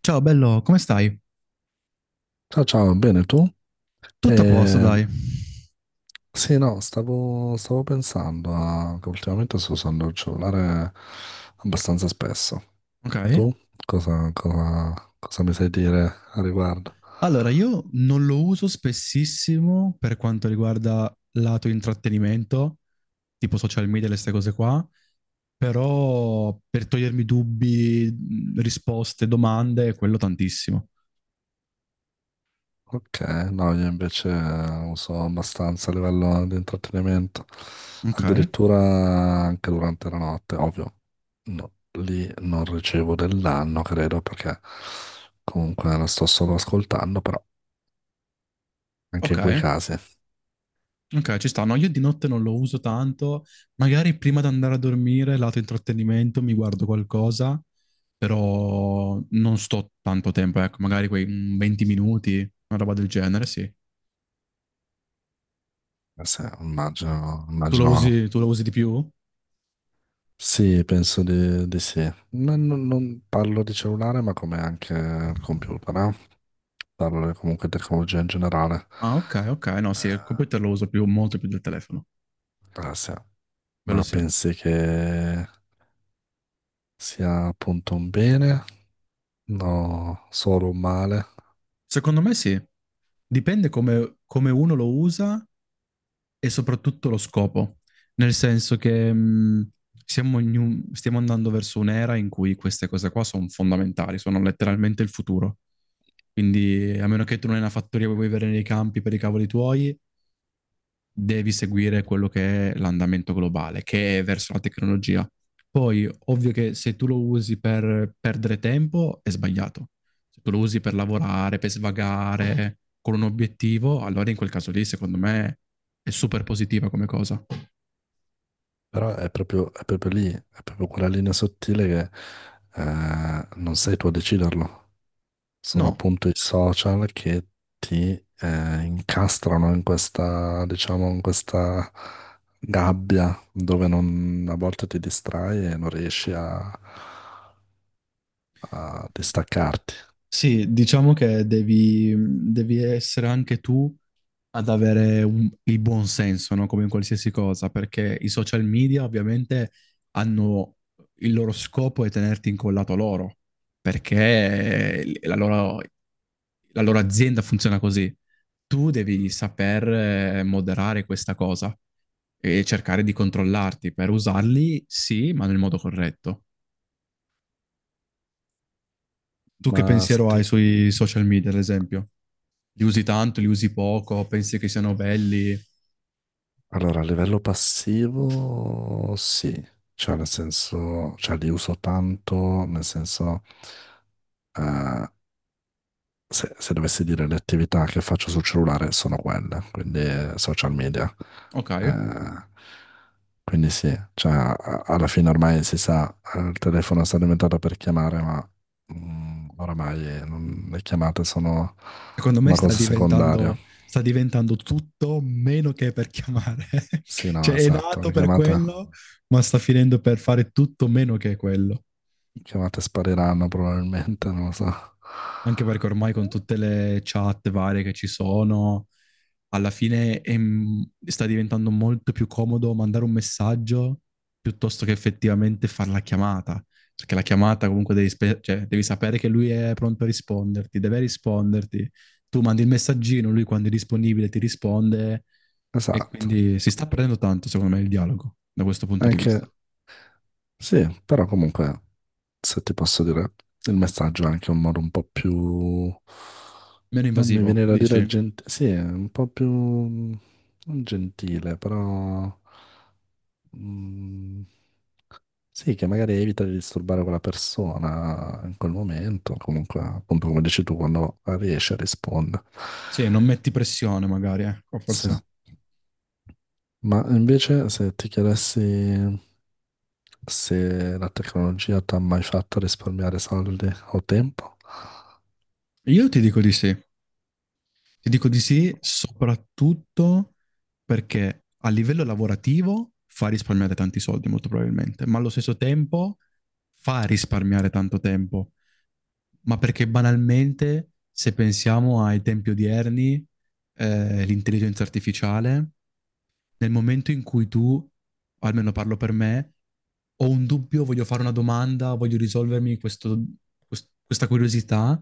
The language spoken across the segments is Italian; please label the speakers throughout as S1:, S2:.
S1: Ciao bello, come stai?
S2: Ciao, ciao, bene tu?
S1: Tutto a posto,
S2: Eh,
S1: dai.
S2: sì, no, stavo pensando che ultimamente sto usando il cellulare abbastanza spesso.
S1: Ok.
S2: Tu cosa mi sai dire a riguardo?
S1: Allora, io non lo uso spessissimo per quanto riguarda lato intrattenimento, tipo social media e queste cose qua, però per togliermi dubbi, risposte, domande, quello tantissimo.
S2: Ok, no, io invece uso abbastanza a livello di intrattenimento,
S1: Ok,
S2: addirittura anche durante la notte, ovvio. No, lì non ricevo del danno, credo, perché comunque la sto solo ascoltando, però anche
S1: ok.
S2: in quei casi.
S1: Ok, ci sta. No, io di notte non lo uso tanto. Magari prima di andare a dormire, lato intrattenimento, mi guardo qualcosa, però non sto tanto tempo, ecco, magari quei 20 minuti, una roba del genere, sì.
S2: Sì, immagino,
S1: Tu lo usi,
S2: immagino.
S1: tu lo usi di più?
S2: Sì, penso di sì. Non parlo di cellulare, ma come anche il computer, eh? Parlo comunque di tecnologia in generale.
S1: Ah, ok, ok. No, sì, il
S2: Eh,
S1: computer lo uso più, molto più del telefono.
S2: ah, sì.
S1: Quello
S2: Ma
S1: sì.
S2: pensi che sia appunto un bene? No, solo un male.
S1: Secondo me sì. Dipende come uno lo usa e soprattutto lo scopo, nel senso che stiamo andando verso un'era in cui queste cose qua sono fondamentali, sono letteralmente il futuro. Quindi, a meno che tu non hai una fattoria e vuoi vivere nei campi per i cavoli tuoi, devi seguire quello che è l'andamento globale, che è verso la tecnologia. Poi, ovvio che se tu lo usi per perdere tempo, è sbagliato. Se tu lo usi per lavorare, per svagare, con un obiettivo, allora in quel caso lì, secondo me, è super positiva come cosa.
S2: Però è proprio lì, è proprio quella linea sottile che non sei tu a deciderlo. Sono
S1: No,
S2: appunto i social che ti incastrano in questa, diciamo, in questa gabbia dove a volte ti distrai e non riesci a distaccarti.
S1: sì, diciamo che devi essere anche tu ad avere il buon senso, no? Come in qualsiasi cosa, perché i social media ovviamente hanno il loro scopo è tenerti incollato a loro, perché la loro azienda funziona così. Tu devi saper moderare questa cosa e cercare di controllarti per usarli, sì, ma nel modo corretto. Tu che
S2: Ma se
S1: pensiero hai
S2: ti-
S1: sui social media, ad esempio? Li usi tanto, li usi poco, pensi che siano belli.
S2: Allora, a livello passivo, sì, cioè nel senso, cioè li uso tanto, nel senso... eh, se, se dovessi dire le attività che faccio sul cellulare sono quelle, quindi social media.
S1: Ok.
S2: Eh, quindi sì, cioè, alla fine ormai si sa, il telefono sta diventato per chiamare, ma oramai le chiamate sono
S1: Secondo me
S2: una
S1: sta
S2: cosa secondaria.
S1: diventando, sta diventando tutto meno che per chiamare.
S2: Sì, no,
S1: Cioè è
S2: esatto,
S1: nato per quello, ma sta finendo per fare tutto meno che quello.
S2: le chiamate spariranno probabilmente, non lo so.
S1: Anche perché ormai con tutte le chat varie che ci sono, alla fine sta diventando molto più comodo mandare un messaggio piuttosto che effettivamente fare la chiamata. Perché la chiamata comunque devi, cioè, devi sapere che lui è pronto a risponderti, deve risponderti. Tu mandi il messaggino, lui quando è disponibile ti risponde e
S2: Esatto,
S1: quindi si sta perdendo tanto, secondo me, il dialogo da questo punto di vista.
S2: anche sì, però comunque. Se ti posso dire, il messaggio è anche un modo un po' più...
S1: Meno
S2: Non mi
S1: invasivo,
S2: viene da
S1: dici?
S2: dire gentile, sì, è un po' più... non gentile, però... mm, sì, che magari evita di disturbare quella persona in quel momento, comunque, appunto come dici tu, quando riesci a rispondere.
S1: Sì, non metti pressione magari, ecco,
S2: Sì,
S1: forse.
S2: ma invece se ti chiedessi se la tecnologia ti ha mai fatto risparmiare soldi o tempo?
S1: Io ti dico di sì. Ti dico di sì, soprattutto perché a livello lavorativo fa risparmiare tanti soldi, molto probabilmente, ma allo stesso tempo fa risparmiare tanto tempo. Ma perché banalmente, se pensiamo ai tempi odierni, l'intelligenza artificiale nel momento in cui tu, o almeno parlo per me, ho un dubbio, voglio fare una domanda, voglio risolvermi questa curiosità,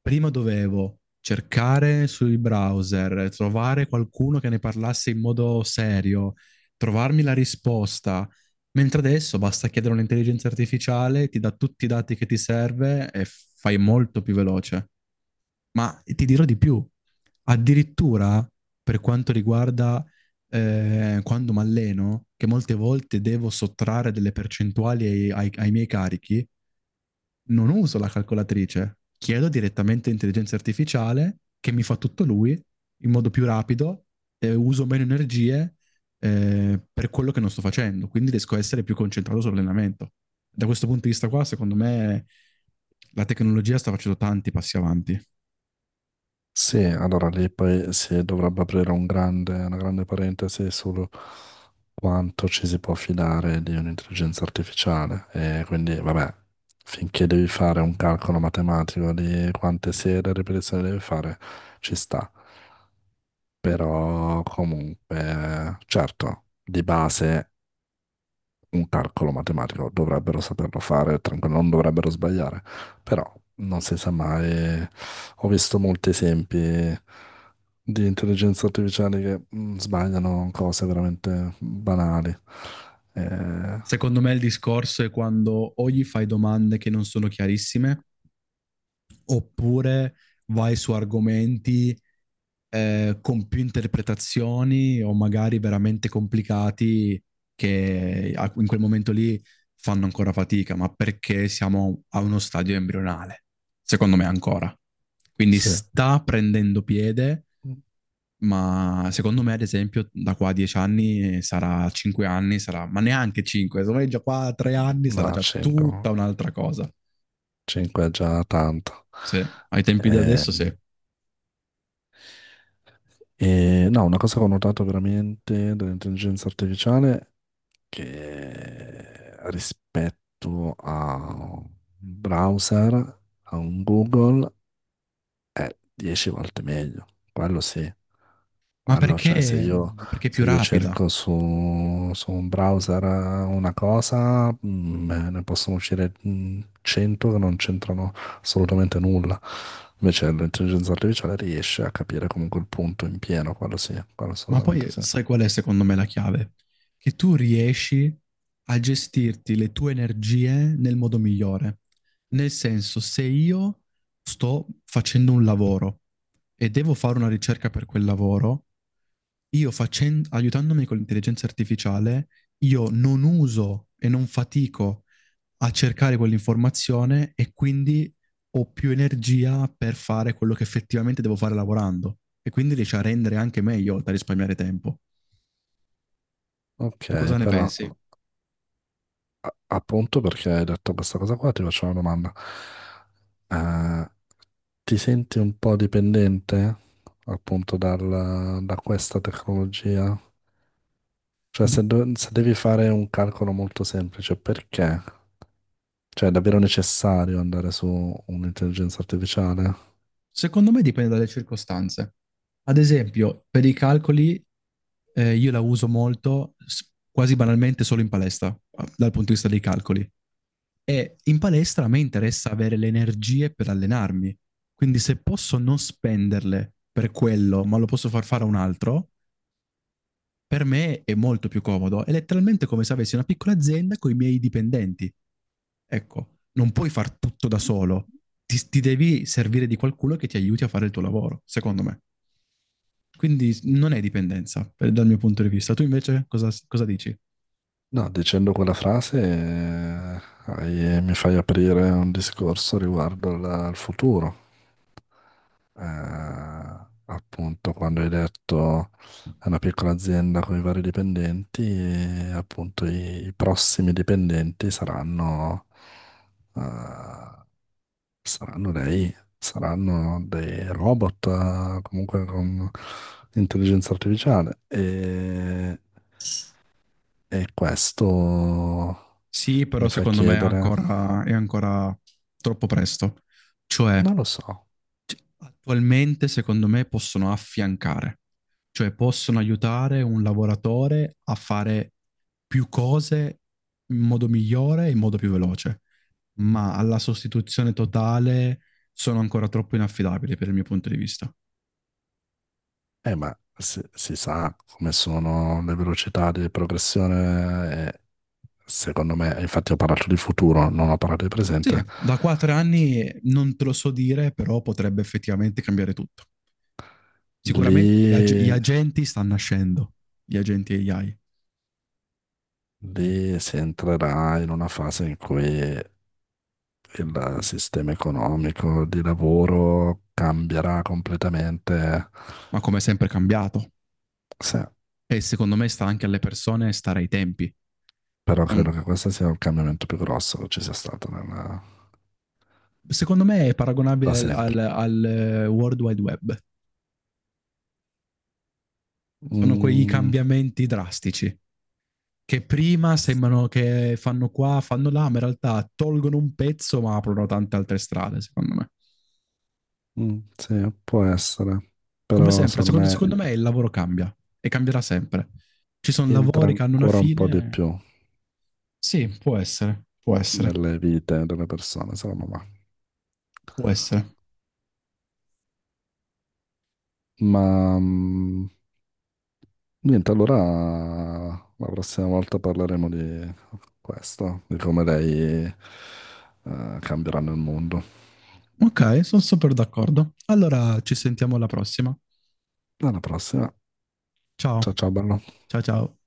S1: prima dovevo cercare sui browser, trovare qualcuno che ne parlasse in modo serio, trovarmi la risposta. Mentre adesso basta chiedere a un'intelligenza artificiale, ti dà tutti i dati che ti serve e fai molto più veloce. Ma ti dirò di più, addirittura per quanto riguarda quando mi alleno, che molte volte devo sottrarre delle percentuali ai miei carichi, non uso la calcolatrice, chiedo direttamente intelligenza artificiale che mi fa tutto lui in modo più rapido, uso meno energie per quello che non sto facendo, quindi riesco a essere più concentrato sull'allenamento. Da questo punto di vista qua, secondo me la tecnologia sta facendo tanti passi avanti.
S2: Sì, allora lì poi si dovrebbe aprire un una grande parentesi su quanto ci si può fidare di un'intelligenza artificiale. E quindi, vabbè, finché devi fare un calcolo matematico di quante serie e ripetizioni devi fare, ci sta. Però comunque, certo, di base un calcolo matematico, dovrebbero saperlo fare, tranquillo, non dovrebbero sbagliare, però non si sa mai. Ho visto molti esempi di intelligenze artificiali che sbagliano cose veramente banali. Eh,
S1: Secondo me il discorso è quando o gli fai domande che non sono chiarissime, oppure vai su argomenti con più interpretazioni o magari veramente complicati che in quel momento lì fanno ancora fatica, ma perché siamo a uno stadio embrionale, secondo me ancora. Quindi
S2: sì,
S1: sta prendendo piede, ma secondo me, ad esempio, da qua a 10 anni sarà 5 anni, sarà, ma neanche 5, secondo me già qua a 3 anni sarà
S2: no,
S1: già tutta
S2: 5,
S1: un'altra cosa.
S2: 5 è già tanto.
S1: Sì, ai tempi di
S2: Eh,
S1: adesso sì.
S2: e no, una cosa che ho notato veramente dell'intelligenza artificiale che rispetto a un browser, a un Google, 10 volte meglio. Quello sì.
S1: Ma
S2: Quello, cioè,
S1: perché? Perché è più
S2: se io
S1: rapida.
S2: cerco su un browser una cosa, beh, ne possono uscire 100 che non c'entrano assolutamente nulla. Invece l'intelligenza artificiale riesce a capire comunque il punto in pieno, quello sì, quello
S1: Ma
S2: assolutamente
S1: poi
S2: sì.
S1: sai qual è secondo me la chiave? Che tu riesci a gestirti le tue energie nel modo migliore. Nel senso, se io sto facendo un lavoro e devo fare una ricerca per quel lavoro, aiutandomi con l'intelligenza artificiale, io non uso e non fatico a cercare quell'informazione e quindi ho più energia per fare quello che effettivamente devo fare lavorando e quindi riesci a rendere anche meglio, oltre a risparmiare tempo. Tu
S2: Ok,
S1: cosa ne
S2: però
S1: pensi?
S2: appunto perché hai detto questa cosa qua, ti faccio una domanda. Eh, Ti senti un po' dipendente appunto da questa tecnologia? Cioè,
S1: Di-
S2: se devi fare un calcolo molto semplice, perché? Cioè, è davvero necessario andare su un'intelligenza artificiale?
S1: Secondo me dipende dalle circostanze. Ad esempio, per i calcoli io la uso molto, quasi banalmente, solo in palestra, dal punto di vista dei calcoli. E in palestra a me interessa avere le energie per allenarmi. Quindi se posso non spenderle per quello, ma lo posso far fare a un altro, per me è molto più comodo. È letteralmente come se avessi una piccola azienda con i miei dipendenti. Ecco, non puoi far tutto da solo. Ti devi servire di qualcuno che ti aiuti a fare il tuo lavoro, secondo me. Quindi non è dipendenza, dal mio punto di vista. Tu invece cosa dici?
S2: No, dicendo quella frase mi fai aprire un discorso riguardo al futuro. Appunto quando hai detto è una piccola azienda con i vari dipendenti, e, appunto i prossimi dipendenti saranno, eh, saranno saranno dei robot, comunque con intelligenza artificiale. E questo
S1: Sì, però
S2: mi fa
S1: secondo me
S2: chiedere,
S1: è ancora troppo presto. Cioè,
S2: non lo so,
S1: Cioè, attualmente, secondo me, possono affiancare, cioè possono aiutare un lavoratore a fare più cose in modo migliore e in modo più veloce, ma alla sostituzione totale sono ancora troppo inaffidabili per il mio punto di vista.
S2: ma si sa come sono le velocità di progressione secondo me, infatti ho parlato di futuro, non ho parlato di
S1: Sì,
S2: presente,
S1: da quattro anni non te lo so dire, però potrebbe effettivamente cambiare tutto. Sicuramente gli
S2: lì,
S1: agenti stanno nascendo, gli agenti AI,
S2: lì si entrerà in una fase in cui il sistema economico di lavoro cambierà completamente.
S1: ma come sempre è cambiato.
S2: Sì,
S1: E secondo me sta anche alle persone stare ai tempi.
S2: però credo che questo sia il cambiamento più grosso che ci sia stato
S1: Secondo me è paragonabile
S2: da
S1: al, al-
S2: sempre.
S1: al eh, World Wide Web. Sono quei
S2: Mm,
S1: cambiamenti drastici che prima
S2: s-
S1: sembrano che fanno qua, fanno là, ma in realtà tolgono un pezzo ma aprono tante altre strade, secondo me.
S2: sì, può essere,
S1: Come
S2: però
S1: sempre,
S2: secondo
S1: secondo,
S2: me
S1: secondo me il lavoro cambia e cambierà sempre. Ci sono
S2: entra
S1: lavori che hanno una
S2: ancora un po' di
S1: fine.
S2: più
S1: Sì, può essere, può essere,
S2: nelle vite delle persone, secondo me.
S1: può essere.
S2: Ma mm, Niente, allora la prossima volta parleremo di questo, di come lei cambieranno il mondo.
S1: Ok, sono super d'accordo. Allora ci sentiamo alla prossima.
S2: Alla prossima.
S1: Ciao,
S2: Ciao ciao, bello.
S1: ciao ciao.